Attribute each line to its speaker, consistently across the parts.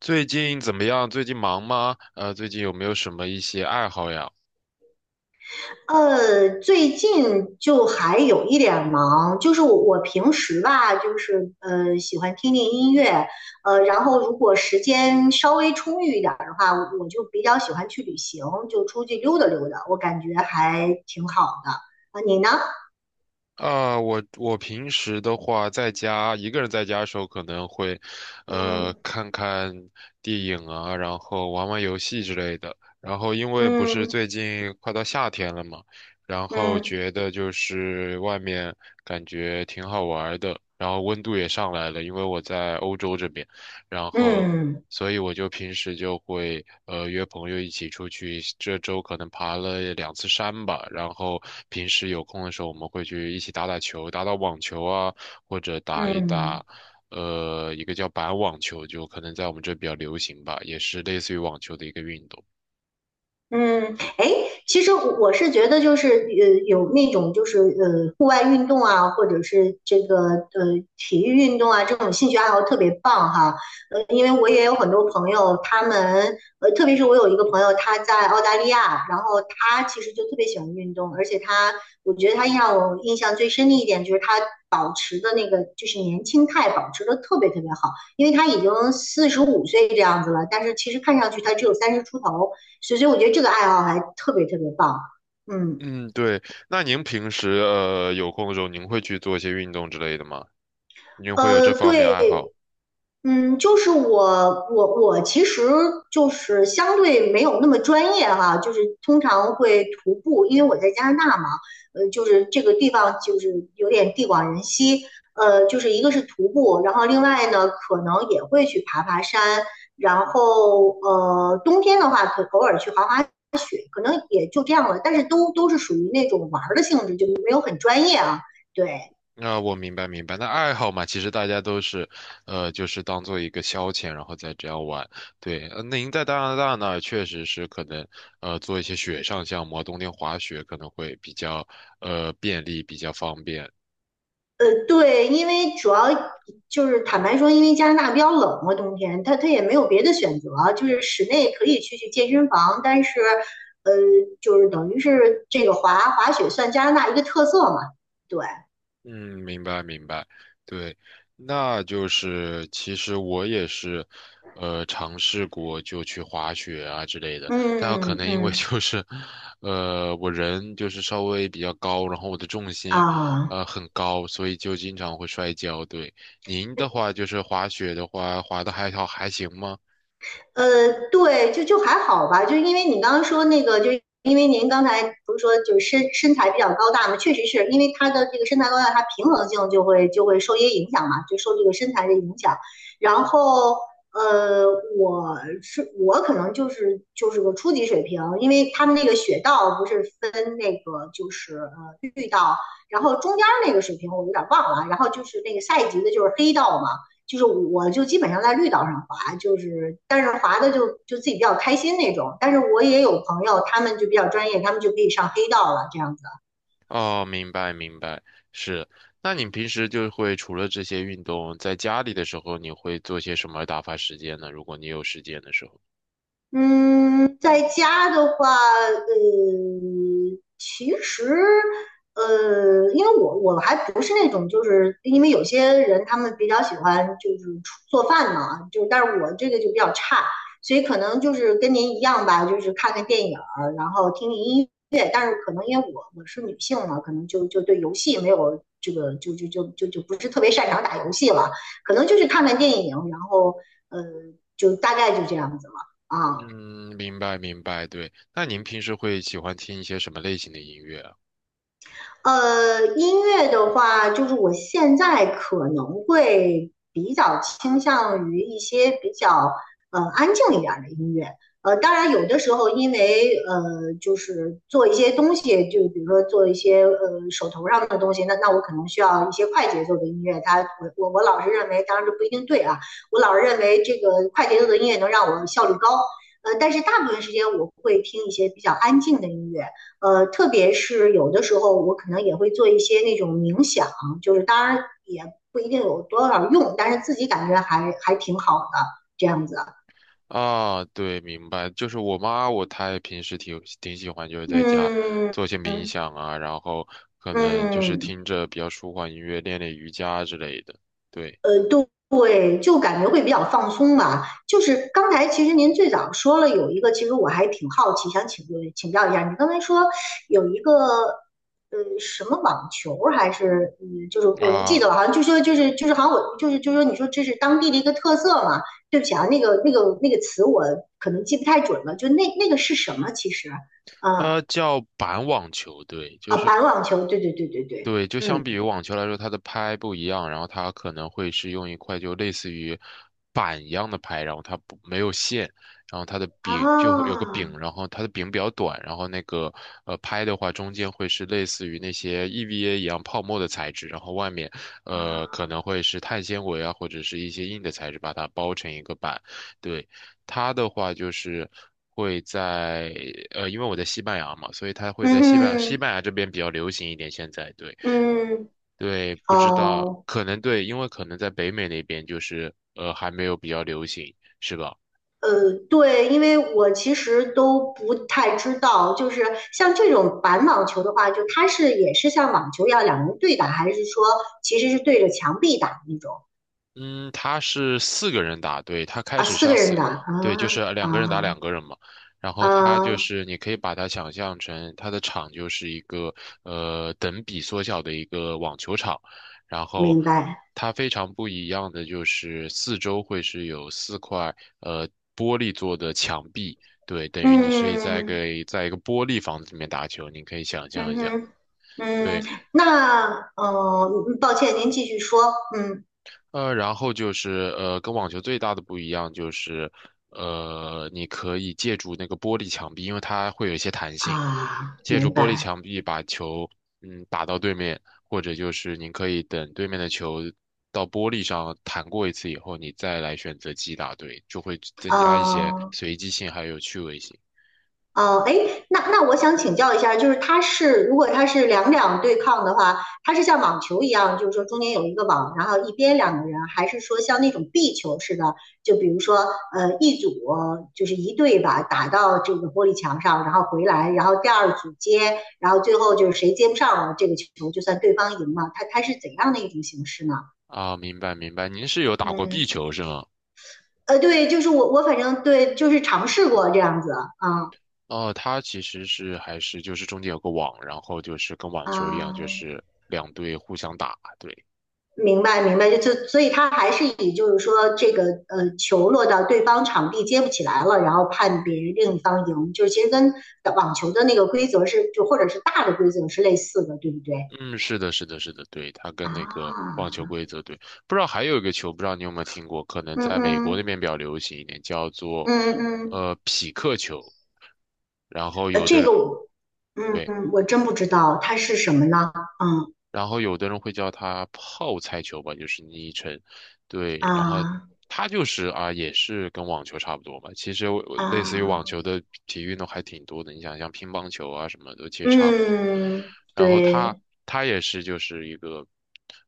Speaker 1: 最近怎么样？最近忙吗？最近有没有什么一些爱好呀？
Speaker 2: 最近就还有一点忙，就是我平时吧，就是喜欢听听音乐，然后如果时间稍微充裕一点儿的话，我就比较喜欢去旅行，就出去溜达溜达，我感觉还挺好的。啊，你呢？
Speaker 1: 啊，我平时的话，在家一个人在家的时候，可能会，
Speaker 2: 嗯
Speaker 1: 看看电影啊，然后玩玩游戏之类的。然后因为不是
Speaker 2: 嗯
Speaker 1: 最近快到夏天了嘛，然后
Speaker 2: 嗯
Speaker 1: 觉得就是外面感觉挺好玩儿的，然后温度也上来了，因为我在欧洲这边，然后。
Speaker 2: 嗯
Speaker 1: 所以我就平时就会约朋友一起出去，这周可能爬了两次山吧，然后平时有空的时候我们会去一起打打球，打打网球啊，或者
Speaker 2: 嗯
Speaker 1: 打
Speaker 2: 嗯。嗯
Speaker 1: 一打
Speaker 2: 嗯
Speaker 1: 一个叫板网球，就可能在我们这比较流行吧，也是类似于网球的一个运动。
Speaker 2: 嗯，哎，其实我是觉得，就是有那种就是户外运动啊，或者是这个体育运动啊，这种兴趣爱好特别棒哈。因为我也有很多朋友，他们特别是我有一个朋友，他在澳大利亚，然后他其实就特别喜欢运动，而且他，我觉得他让我印象最深的一点就是他保持的那个就是年轻态保持的特别特别好，因为他已经45岁这样子了，但是其实看上去他只有30出头。所以我觉得这个爱好还特别特别棒。嗯，
Speaker 1: 嗯，对。那您平时有空的时候，您会去做一些运动之类的吗？您会有这方面
Speaker 2: 对。
Speaker 1: 爱好？
Speaker 2: 就是我其实就是相对没有那么专业哈，就是通常会徒步，因为我在加拿大嘛，就是这个地方就是有点地广人稀，就是一个是徒步，然后另外呢可能也会去爬爬山，然后冬天的话可偶尔去滑雪，可能也就这样了，但是都是属于那种玩儿的性质，就没有很专业啊，对。
Speaker 1: 啊、我明白明白。那爱好嘛，其实大家都是，就是当做一个消遣，然后再这样玩。对，那您在加拿大呢，确实是可能，做一些雪上项目啊冬天滑雪可能会比较，便利，比较方便。
Speaker 2: 对，因为主要就是坦白说，因为加拿大比较冷嘛，冬天，它也没有别的选择，就是室内可以去健身房，但是，呃，就是等于是这个滑雪算加拿大一个特色嘛，对，
Speaker 1: 嗯，明白明白，对，那就是其实我也是，尝试过就去滑雪啊之类的，但有可
Speaker 2: 嗯
Speaker 1: 能因为
Speaker 2: 嗯
Speaker 1: 就是，我人就是稍微比较高，然后我的重心，
Speaker 2: 啊。
Speaker 1: 很高，所以就经常会摔跤。对，您的话就是滑雪的话，滑的还好还行吗？
Speaker 2: 呃，对，就还好吧，就因为你刚刚说那个，就因为您刚才不是说就是身材比较高大嘛，确实是因为他的这个身材高大，他平衡性就会受一些影响嘛，就受这个身材的影响。然后呃，我可能就是个初级水平，因为他们那个雪道不是分那个就是绿道，然后中间那个水平我有点忘了，然后就是那个下一级的就是黑道嘛。就是我就基本上在绿道上滑，就是但是滑的就自己比较开心那种。但是我也有朋友，他们就比较专业，他们就可以上黑道了这样子。
Speaker 1: 哦，明白明白，是。那你平时就会除了这些运动，在家里的时候，你会做些什么打发时间呢？如果你有时间的时候。
Speaker 2: 嗯，在家的话，其实，因为我还不是那种，就是因为有些人他们比较喜欢就是出做饭嘛，就但是我这个就比较差，所以可能就是跟您一样吧，就是看看电影儿，然后听听音乐，但是可能因为我是女性嘛，可能就对游戏没有这个就不是特别擅长打游戏了，可能就是看看电影，然后呃，就大概就这样子了。啊，
Speaker 1: 嗯，明白明白，对。那您平时会喜欢听一些什么类型的音乐啊？
Speaker 2: 音乐的话，就是我现在可能会比较倾向于一些比较安静一点儿的音乐。当然有的时候因为就是做一些东西，就比如说做一些手头上的东西，那我可能需要一些快节奏的音乐。我老是认为，当然这不一定对啊，我老是认为这个快节奏的音乐能让我效率高。但是大部分时间我会听一些比较安静的音乐。特别是有的时候，我可能也会做一些那种冥想，就是当然也不一定有多少用，但是自己感觉还挺好的这样子。
Speaker 1: 啊，对，明白。就是我妈，我她也平时挺喜欢，就是在家
Speaker 2: 嗯
Speaker 1: 做一些冥
Speaker 2: 嗯
Speaker 1: 想啊，然后可能就是
Speaker 2: 嗯。
Speaker 1: 听着比较舒缓音乐，练练瑜伽之类的。对
Speaker 2: 对，就感觉会比较放松吧。就是刚才其实您最早说了有一个，其实我还挺好奇，想请教一下，你刚才说有一个。什么网球还是就是我不记得
Speaker 1: 啊，
Speaker 2: 了，好像就说就是好像我就是说你说这是当地的一个特色嘛？对不起啊，那个词我可能记不太准了，就那个是什么？其实啊
Speaker 1: 叫板网球，对，就
Speaker 2: 啊，
Speaker 1: 是
Speaker 2: 板网球，对对对对对，
Speaker 1: 对，就相比于
Speaker 2: 嗯
Speaker 1: 网球来说，它的拍不一样，然后它可能会是用一块就类似于板一样的拍，然后它不没有线，然后它的
Speaker 2: 啊
Speaker 1: 柄就会有个柄，然后它的柄比较短，然后那个拍的话，中间会是类似于那些 EVA 一样泡沫的材质，然后外面可
Speaker 2: 啊，
Speaker 1: 能会是碳纤维啊或者是一些硬的材质把它包成一个板。对，它的话就是。会在因为我在西班牙嘛，所以它会在
Speaker 2: 嗯
Speaker 1: 西班
Speaker 2: 嗯
Speaker 1: 牙这边比较流行一点。现在对。
Speaker 2: 嗯
Speaker 1: 对，不知道，
Speaker 2: 哦，
Speaker 1: 可能对，因为可能在北美那边就是还没有比较流行，是吧？
Speaker 2: 对，因为我其实都不太知道，就是像这种板网球的话，就它是也是像网球一样两人对打，还是说其实是对着墙壁打那种
Speaker 1: 嗯，他是四个人打，对，他开
Speaker 2: 啊？
Speaker 1: 始是
Speaker 2: 四
Speaker 1: 要
Speaker 2: 个人
Speaker 1: 四，
Speaker 2: 打
Speaker 1: 对，就
Speaker 2: 啊
Speaker 1: 是两个人打两
Speaker 2: 啊
Speaker 1: 个人嘛。然后他就
Speaker 2: 啊，
Speaker 1: 是你可以把它想象成他的场就是一个等比缩小的一个网球场，然后
Speaker 2: 明白。
Speaker 1: 它非常不一样的就是四周会是有四块呃玻璃做的墙壁，对，等于你是在
Speaker 2: 嗯
Speaker 1: 给在一个玻璃房子里面打球，你可以想象
Speaker 2: 嗯
Speaker 1: 一下。
Speaker 2: 哼嗯，
Speaker 1: 对，
Speaker 2: 那哦，嗯抱歉，您继续说。嗯
Speaker 1: 然后就是跟网球最大的不一样就是，你可以借助那个玻璃墙壁，因为它会有一些弹性，
Speaker 2: 啊，
Speaker 1: 借助
Speaker 2: 明
Speaker 1: 玻璃
Speaker 2: 白。
Speaker 1: 墙壁把球打到对面，或者就是您可以等对面的球到玻璃上弹过一次以后，你再来选择击打，对，就会增加一些
Speaker 2: 啊。
Speaker 1: 随机性还有趣味性。
Speaker 2: 哦，哎，那我想请教一下，就是如果它是两两对抗的话，它是像网球一样，就是说中间有一个网，然后一边两个人，还是说像那种壁球似的，就比如说一组就是一队吧，打到这个玻璃墙上，然后回来，然后第二组接，然后最后就是谁接不上了这个球，就算对方赢了。它是怎样的一种形式呢？
Speaker 1: 啊，明白明白，您是有打过壁
Speaker 2: 嗯，
Speaker 1: 球是吗？
Speaker 2: 对，就是我反正对，就是尝试过这样子啊
Speaker 1: 哦，它其实是还是就是中间有个网，然后就是跟网球一样，就
Speaker 2: 啊。
Speaker 1: 是两队互相打。对，
Speaker 2: 明白，明白，就所以他还是以就是说这个球落到对方场地接不起来了，然后判别另一方赢，就是其实跟网球的那个规则是就或者是大的规则是类似的，对不对？
Speaker 1: 嗯，是的,是的,是的，对，它跟
Speaker 2: 啊，
Speaker 1: 那个网球规则对。不知道还有一个球，不知道你有没有听过，可能
Speaker 2: 嗯
Speaker 1: 在美国那
Speaker 2: 嗯
Speaker 1: 边比较流行一点，叫做
Speaker 2: 嗯嗯，
Speaker 1: 匹克球。然后有的
Speaker 2: 这
Speaker 1: 人
Speaker 2: 个我嗯
Speaker 1: 对。
Speaker 2: 嗯我真不知道它是什么呢？嗯
Speaker 1: 然后有的人会叫它泡菜球吧，就是昵称，对，然后
Speaker 2: 啊
Speaker 1: 它就是啊，也是跟网球差不多嘛。其实我类似于网
Speaker 2: 啊
Speaker 1: 球的体育运动还挺多的，你想像乒乓球啊什么的，其实差不多。
Speaker 2: 嗯，
Speaker 1: 然后它
Speaker 2: 对
Speaker 1: 也是就是一个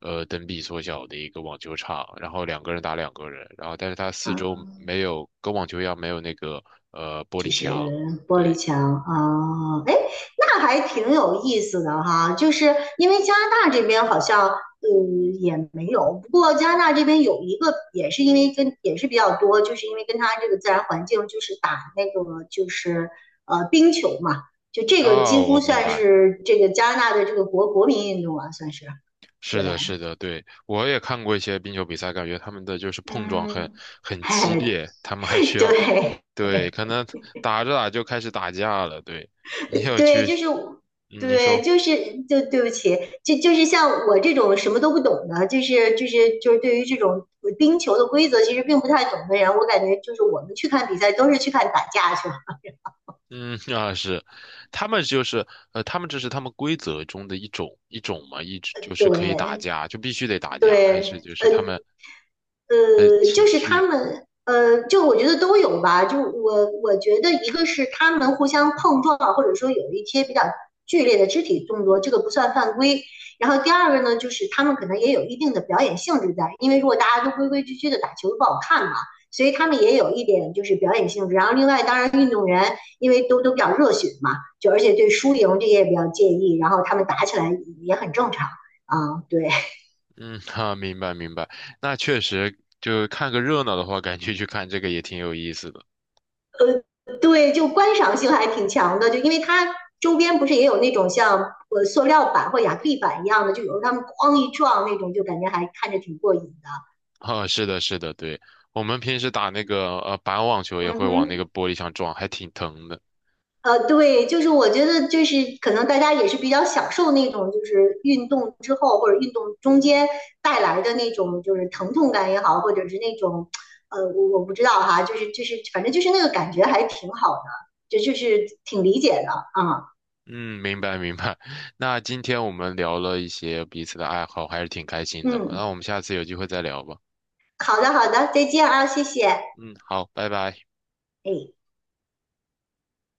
Speaker 1: 等比缩小的一个网球场，然后两个人打两个人，然后但是它四周
Speaker 2: 啊
Speaker 1: 没有跟网球一样没有那个玻
Speaker 2: 就
Speaker 1: 璃
Speaker 2: 是
Speaker 1: 墙，
Speaker 2: 玻璃
Speaker 1: 对，
Speaker 2: 墙啊，哎，那还挺有意思的哈。就是因为加拿大这边好像，也没有。不过加拿大这边有一个，也是因为跟也是比较多，就是因为跟它这个自然环境，就是打那个就是冰球嘛，就这个几
Speaker 1: 哦，我
Speaker 2: 乎
Speaker 1: 明
Speaker 2: 算
Speaker 1: 白。
Speaker 2: 是这个加拿大的这个国民运动啊，算是
Speaker 1: 是
Speaker 2: 对，
Speaker 1: 的，是的，对，我也看过一些冰球比赛，感觉他们的就是碰撞
Speaker 2: 嗯，
Speaker 1: 很激
Speaker 2: 嘿，
Speaker 1: 烈，他们还需要，
Speaker 2: 对。
Speaker 1: 对，可能打着打就开始打架了。对，你有
Speaker 2: 对，
Speaker 1: 去，
Speaker 2: 就是
Speaker 1: 嗯你
Speaker 2: 对，
Speaker 1: 说，
Speaker 2: 就是对不起，就是像我这种什么都不懂的，就是对于这种冰球的规则其实并不太懂的人，我感觉就是我们去看比赛都是去看打架去了。
Speaker 1: 嗯，啊，是，他们就是他们这是他们规则中的一种嘛，一直就是可以打
Speaker 2: 对
Speaker 1: 架，就必须得打架，还是
Speaker 2: 对，
Speaker 1: 就是他们的情
Speaker 2: 就是他
Speaker 1: 绪，
Speaker 2: 们，就我觉得都有吧。就我觉得一个是他们互相碰撞，或者说有一些比较剧烈的肢体动作，这个不算犯规。然后第二个呢，就是他们可能也有一定的表演性质在，因为如果大家都规规矩矩的打球不好看嘛，所以他们也有一点就是表演性质。然后另外，当然运动员因为都比较热血嘛，就而且对输赢这些也比较介意，然后他们打起来也很正常啊，对。
Speaker 1: 嗯，哈、明白明白，那确实就看个热闹的话，感觉去看这个也挺有意思的。
Speaker 2: 对，就观赏性还挺强的，就因为它周边不是也有那种像塑料板或亚克力板一样的，就有时候他们哐一撞那种，就感觉还看着挺过瘾的。
Speaker 1: 啊，是的，是的，对，我们平时打那个板网球也
Speaker 2: 嗯
Speaker 1: 会往那
Speaker 2: 哼，
Speaker 1: 个玻璃上撞，还挺疼的。
Speaker 2: 对，就是我觉得就是可能大家也是比较享受那种就是运动之后或者运动中间带来的那种就是疼痛感也好，或者是那种我不知道哈，就是反正就是那个感觉还挺好的，这就是挺理解的啊。
Speaker 1: 嗯，明白明白。那今天我们聊了一些彼此的爱好，还是挺开心的。
Speaker 2: 嗯，
Speaker 1: 那我们下次有机会再聊吧。
Speaker 2: 好的好的，再见啊，谢谢。
Speaker 1: 嗯，好，拜拜。
Speaker 2: 哎，